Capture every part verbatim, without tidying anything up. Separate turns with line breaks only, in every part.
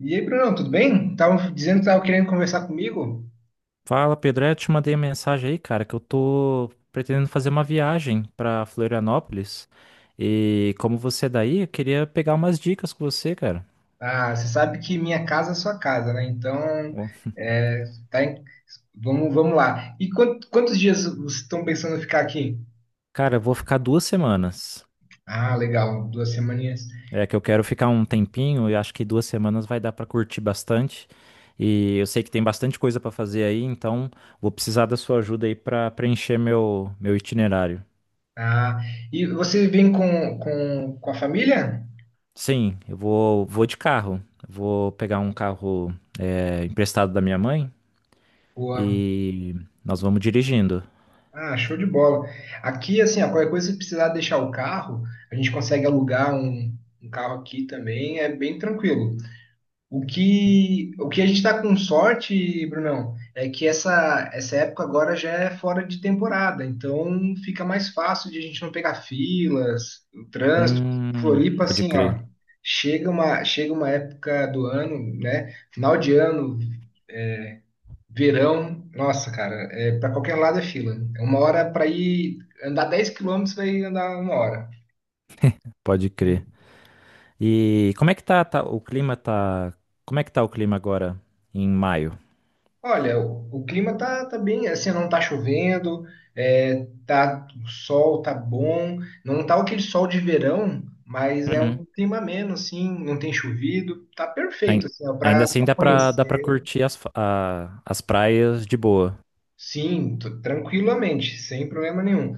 E aí, Bruno, tudo bem? Estavam dizendo que estavam querendo conversar comigo.
Fala, Pedro. É, eu te mandei mensagem aí, cara, que eu tô pretendendo fazer uma viagem pra Florianópolis. E como você é daí, eu queria pegar umas dicas com você, cara.
Ah, você sabe que minha casa é sua casa, né? Então,
Ó,
é, tá em- vamos, vamos lá. E quant- quantos dias vocês estão pensando em ficar aqui?
Cara, eu vou ficar duas semanas.
Ah, legal, duas semaninhas.
É que eu quero ficar um tempinho e acho que duas semanas vai dar pra curtir bastante. E eu sei que tem bastante coisa pra fazer aí, então vou precisar da sua ajuda aí pra preencher meu, meu itinerário.
Ah, e você vem com, com, com a família?
Sim, eu vou, vou de carro. Vou pegar um carro, é, emprestado da minha mãe.
Boa.
E nós vamos dirigindo.
Ah, show de bola. Aqui, assim, ó, qualquer coisa, se precisar deixar o carro, a gente consegue alugar um, um carro aqui também, é bem tranquilo. O que, o que a gente está com sorte, Brunão, é que essa, essa época agora já é fora de temporada, então fica mais fácil de a gente não pegar filas, o trânsito.
Hum,
Floripa,
pode
assim, ó,
crer,
chega uma, chega uma época do ano, né? Final de ano, verão, nossa, cara, é, para qualquer lado é fila. É uma hora para ir andar dez quilômetros, vai andar uma hora.
pode crer. E como é que tá, tá- o clima tá, como é que tá o clima agora em maio?
Olha, o, o clima tá, tá bem, assim, não tá chovendo, é, tá, o sol tá bom, não tá aquele sol de verão, mas é um
Uhum.
clima ameno, assim, não tem chovido, tá
Ai-
perfeito, assim, ó, pra
Ainda assim
pra
dá pra, dá pra
conhecer.
curtir as, fa- a- as praias de boa.
Sim, t- tranquilamente, sem problema nenhum.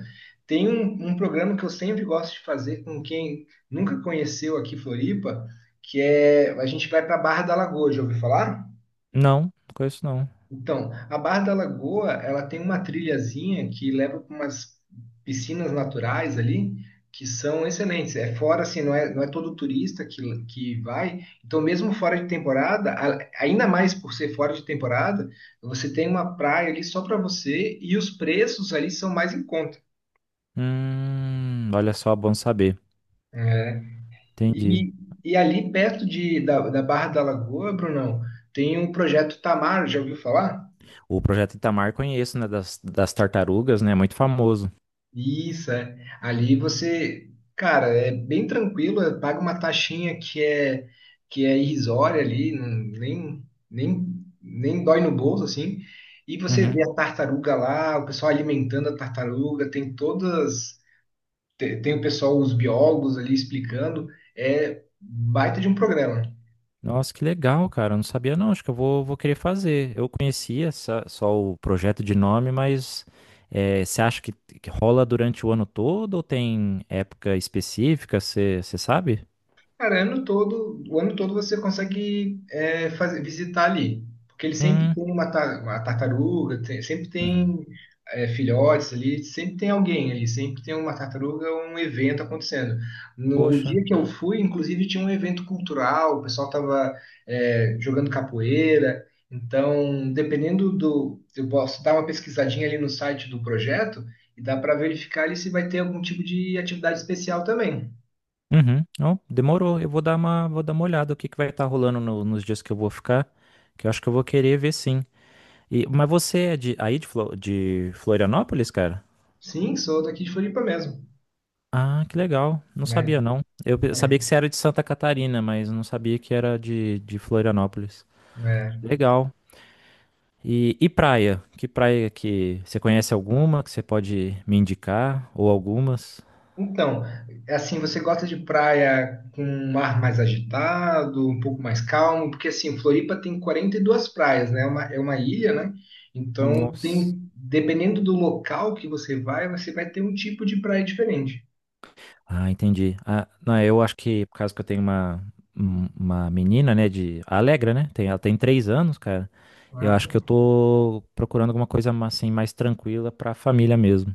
Tem um, um programa que eu sempre gosto de fazer com quem nunca conheceu aqui Floripa, que é, a gente vai pra Barra da Lagoa, já ouviu falar?
Não, não conheço não.
Então, a Barra da Lagoa, ela tem uma trilhazinha que leva para umas piscinas naturais ali, que são excelentes. É fora, assim, não é, não é todo turista que, que vai. Então, mesmo fora de temporada, a- ainda mais por ser fora de temporada, você tem uma praia ali só para você e os preços ali são mais em conta.
Hum, olha só, bom saber.
É.
Entendi.
E, e ali perto de, da, da Barra da Lagoa, Brunão, tem um projeto Tamar, já ouviu falar?
O projeto Itamar conheço, né, das, das tartarugas, né, muito famoso.
Isso, é. Ali você, cara, é bem tranquilo, é, paga uma taxinha que é que é irrisória ali, não- nem nem nem dói no bolso assim. E você vê a tartaruga lá, o pessoal alimentando a tartaruga, tem todas te- tem, o pessoal, os biólogos ali explicando, é baita de um programa.
Nossa, que legal, cara. Eu não sabia, não. Acho que eu vou, vou querer fazer. Eu conhecia só, só o projeto de nome, mas eh, você acha que, que rola durante o ano todo ou tem época específica? Você você sabe?
Cara, ano todo, o ano todo você consegue é, fazer, visitar ali, porque ele sempre
Hum,
tem uma, ta- uma tartaruga, tem- sempre
uhum.
tem é, filhotes ali, sempre tem alguém ali, sempre tem uma tartaruga, um evento acontecendo. No
Poxa.
dia que eu fui, inclusive, tinha um evento cultural, o pessoal estava jogando capoeira, então, dependendo do. Eu posso dar uma pesquisadinha ali no site do projeto e dá para verificar ali se vai ter algum tipo de atividade especial também.
Uhum. Não, demorou. Eu vou dar uma, Vou dar uma olhada o que, que vai estar rolando no- nos dias que eu vou ficar, que eu acho que eu vou querer ver sim. E, mas você é de, aí de, Flo- de Florianópolis, cara?
Sim, sou daqui de Floripa mesmo,
Ah, que legal. Não
né?
sabia, não. Eu pe-
É,
sabia que você era de Santa Catarina, mas não sabia que era de, de Florianópolis.
é.
Legal. E, e praia? Que praia que você conhece alguma que você pode me indicar? Ou algumas?
Então, é assim, você gosta de praia com um mar mais agitado, um pouco mais calmo, porque assim, Floripa tem quarenta e duas praias, né? É uma, é uma ilha, né? Então,
Nossa.
tem, dependendo do local que você vai, você vai ter um tipo de praia diferente.
Ah, entendi. Ah, não, eu acho que, por causa que eu tenho uma, um- uma menina, né, de a Alegra, né? Tem, ela tem três anos, cara. Eu
Ah,
acho
tá.
que eu tô procurando alguma coisa ma- assim mais tranquila pra família mesmo.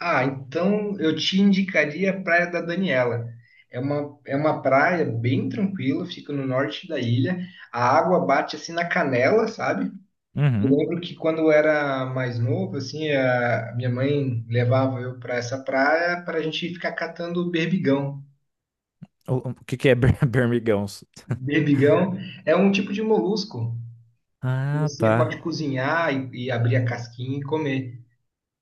Ah, então eu te indicaria a Praia da Daniela. É uma, é uma praia bem tranquila, fica no norte da ilha. A água bate assim na canela, sabe? Eu
Uhum.
lembro que quando eu era mais novo, assim, a minha mãe levava eu para essa praia para a gente ficar catando berbigão.
O, o que que é ber- bermigãos?
Berbigão é um tipo de molusco que
Ah,
você
tá.
pode cozinhar e, e abrir a casquinha e comer.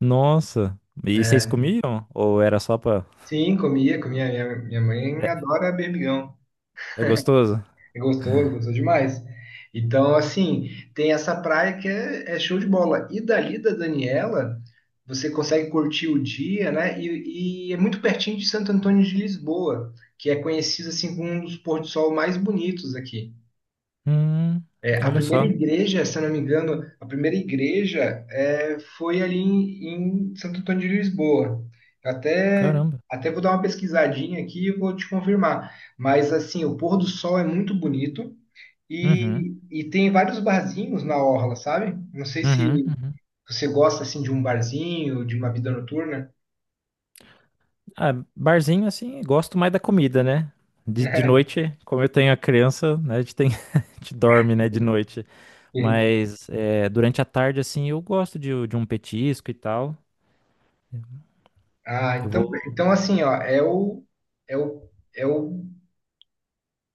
Nossa. E vocês
É,
comiam? Ou era só pra.
sim, comia, comia. Minha, minha mãe
É,
adora berbigão.
é gostoso?
Gostou, gostou demais. Então, assim, tem essa praia que é, é show de bola. E dali da Daniela, você consegue curtir o dia, né? E, e é muito pertinho de Santo Antônio de Lisboa, que é conhecido assim como um dos pôr do sol mais bonitos aqui.
Hum,
É, a
Olha
primeira
só.
igreja, se eu não me engano, a primeira igreja é, foi ali em, em Santo Antônio de Lisboa. Até,
Caramba.
até vou dar uma pesquisadinha aqui e vou te confirmar. Mas assim, o pôr do sol é muito bonito.
Uhum,
E, e tem vários barzinhos na orla, sabe? Não sei se
uhum, uhum.
você gosta assim de um barzinho, de uma vida noturna.
Ah, barzinho assim, gosto mais da comida, né? De, de noite, como eu tenho a criança, né? A gente tem, a gente dorme, né, de noite. Mas é, durante a tarde, assim, eu gosto de, de um petisco e tal.
Ah,
Eu
então,
vou.
então assim, ó, é o, é o, é o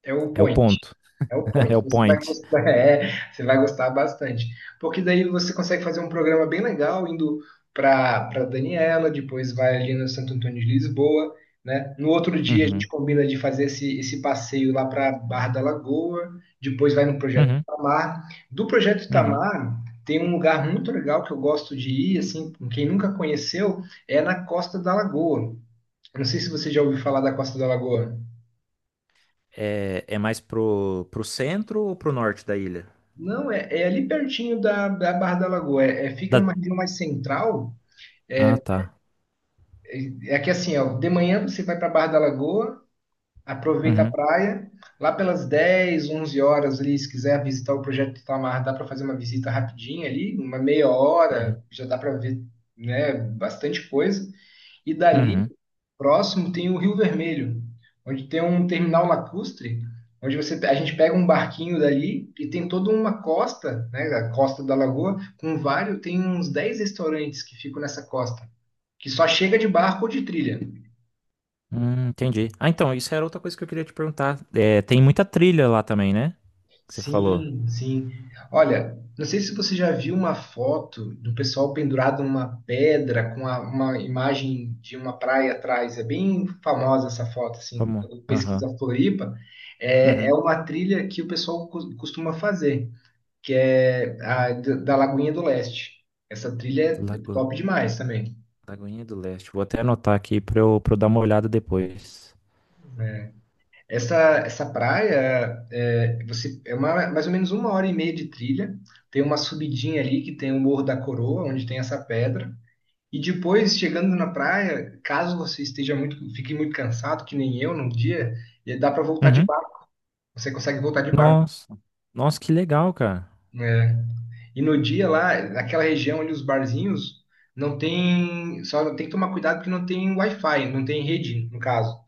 É o
É o
point.
ponto.
É o
É
point.
o
Você vai
point.
gostar, é, você vai gostar bastante. Porque daí você consegue fazer um programa bem legal indo para para Daniela, depois vai ali no Santo Antônio de Lisboa, né? No outro dia a gente
Uhum,
combina de fazer esse, esse passeio lá para Barra da Lagoa, depois vai no Projeto
uhum,
Itamar. Do Projeto
uhum.
Itamar tem um lugar muito legal que eu gosto de ir, assim, quem nunca conheceu, é na Costa da Lagoa. Eu não sei se você já ouviu falar da Costa da Lagoa.
É, é mais pro, pro centro ou pro norte da ilha?
Não, é, é ali pertinho da, da Barra da Lagoa. É, é- fica numa
Da-
região mais central.
Ah, tá.
É, é que assim, ó, de manhã você vai para a Barra da Lagoa, aproveita a
Uhum,
praia. Lá pelas dez, onze horas ali, se quiser visitar o Projeto Itamar, dá para fazer uma visita rapidinha ali, uma meia
uhum,
hora, já dá para ver, né, bastante coisa. E dali,
uhum.
próximo, tem o Rio Vermelho, onde tem um terminal lacustre, onde você, a gente pega um barquinho dali e tem toda uma costa, né, a costa da lagoa, com vários, tem uns dez restaurantes que ficam nessa costa, que só chega de barco ou de trilha.
Hum, entendi. Ah, então, isso era outra coisa que eu queria te perguntar. É, tem muita trilha lá também, né? Que você falou.
Sim, sim. Olha, não sei se você já viu uma foto do pessoal pendurado numa pedra com a- uma imagem de uma praia atrás. É bem famosa essa foto, assim,
Vamos.
quando
Aham.
pesquisa Floripa. É, é
Uhum.
uma trilha que o pessoal cos- costuma fazer, que é a d- da Lagoinha do Leste. Essa trilha é
Lago...
top demais também.
Lagoinha do Leste. Vou até anotar aqui pra eu, pra eu dar uma olhada depois.
Essa, essa praia é, você, é uma, mais ou menos uma hora e meia de trilha. Tem uma subidinha ali que tem o Morro da Coroa, onde tem essa pedra. E depois, chegando na praia, caso você esteja muito, fique muito cansado, que nem eu num dia, e dá para voltar de
Uhum.
barco. Você consegue voltar de barco,
Nossa. Nossa, que legal, cara.
né? E no dia lá, naquela região ali, os barzinhos, não tem. Só tem que tomar cuidado porque não tem Wi-Fi, não tem rede, no caso.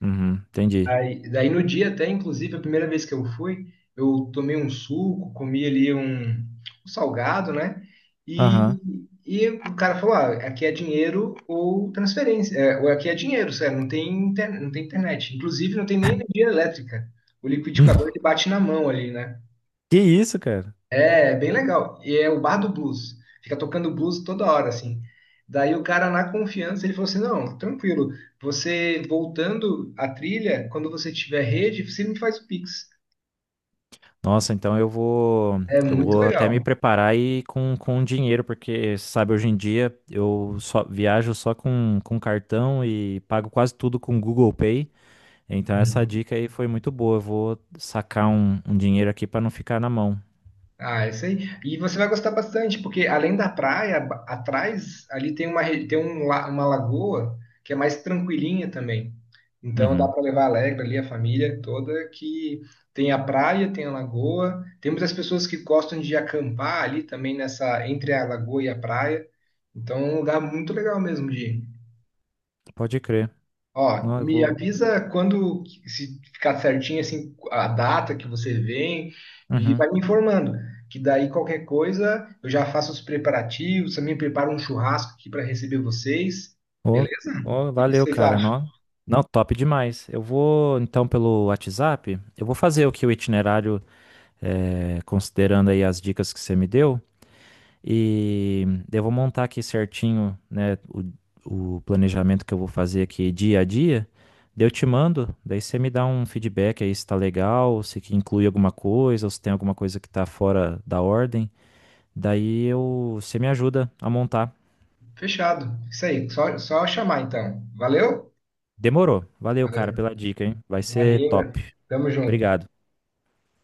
Uhum, entendi.
Aí, daí no dia até, inclusive, a primeira vez que eu fui, eu tomei um suco, comi ali um, um salgado, né?
Aham.
E, e o cara falou, ah, aqui é dinheiro ou transferência, é, ou aqui é dinheiro, sério, não tem, inter- não tem internet. Inclusive, não tem nem energia elétrica. O liquidificador, ele bate na mão ali, né?
Que isso, cara?
É bem legal. E é o bar do blues. Fica tocando blues toda hora, assim. Daí o cara, na confiança, ele falou assim: Não, tranquilo. Você voltando a trilha, quando você tiver rede, você me faz o pix.
Nossa, então eu vou,
É
eu
muito
vou até me
legal.
preparar e com, com dinheiro, porque você sabe, hoje em dia eu só viajo só com, com cartão e pago quase tudo com Google Pay. Então essa dica aí foi muito boa. Eu vou sacar um, um dinheiro aqui para não ficar na mão.
Ah, isso aí. E você vai gostar bastante, porque além da praia, ba- atrás ali tem uma, re- tem um, la- uma lagoa que é mais tranquilinha também. Então dá
Uhum.
para levar alegre ali a família toda, que tem a praia, tem a lagoa. Tem muitas pessoas que gostam de acampar ali também nessa, entre a lagoa e a praia. Então é um lugar muito legal mesmo de ir.
Pode crer.
Ó,
Não, eu
me
vou.
avisa quando, que- se ficar certinho assim, a data que você vem e
Uhum.
vai me informando, que daí qualquer coisa eu já faço os preparativos, também preparo um churrasco aqui para receber vocês,
Ô,
beleza? O
ô,
que que
valeu,
vocês
cara.
acham?
Não, não, top demais. Eu vou então pelo WhatsApp. Eu vou fazer o que o itinerário, eh, considerando aí as dicas que você me deu. E eu vou montar aqui certinho, né, o, o planejamento que eu vou fazer aqui dia a dia. Daí eu te mando, daí você me dá um feedback aí se tá legal, se que inclui alguma coisa, ou se tem alguma coisa que tá fora da ordem. Daí eu, você me ajuda a montar.
Fechado. Isso aí, só, só chamar então. Valeu?
Demorou. Valeu, cara,
Valeu.
pela dica, hein? Vai ser
Imagina.
top.
Tamo junto.
Obrigado.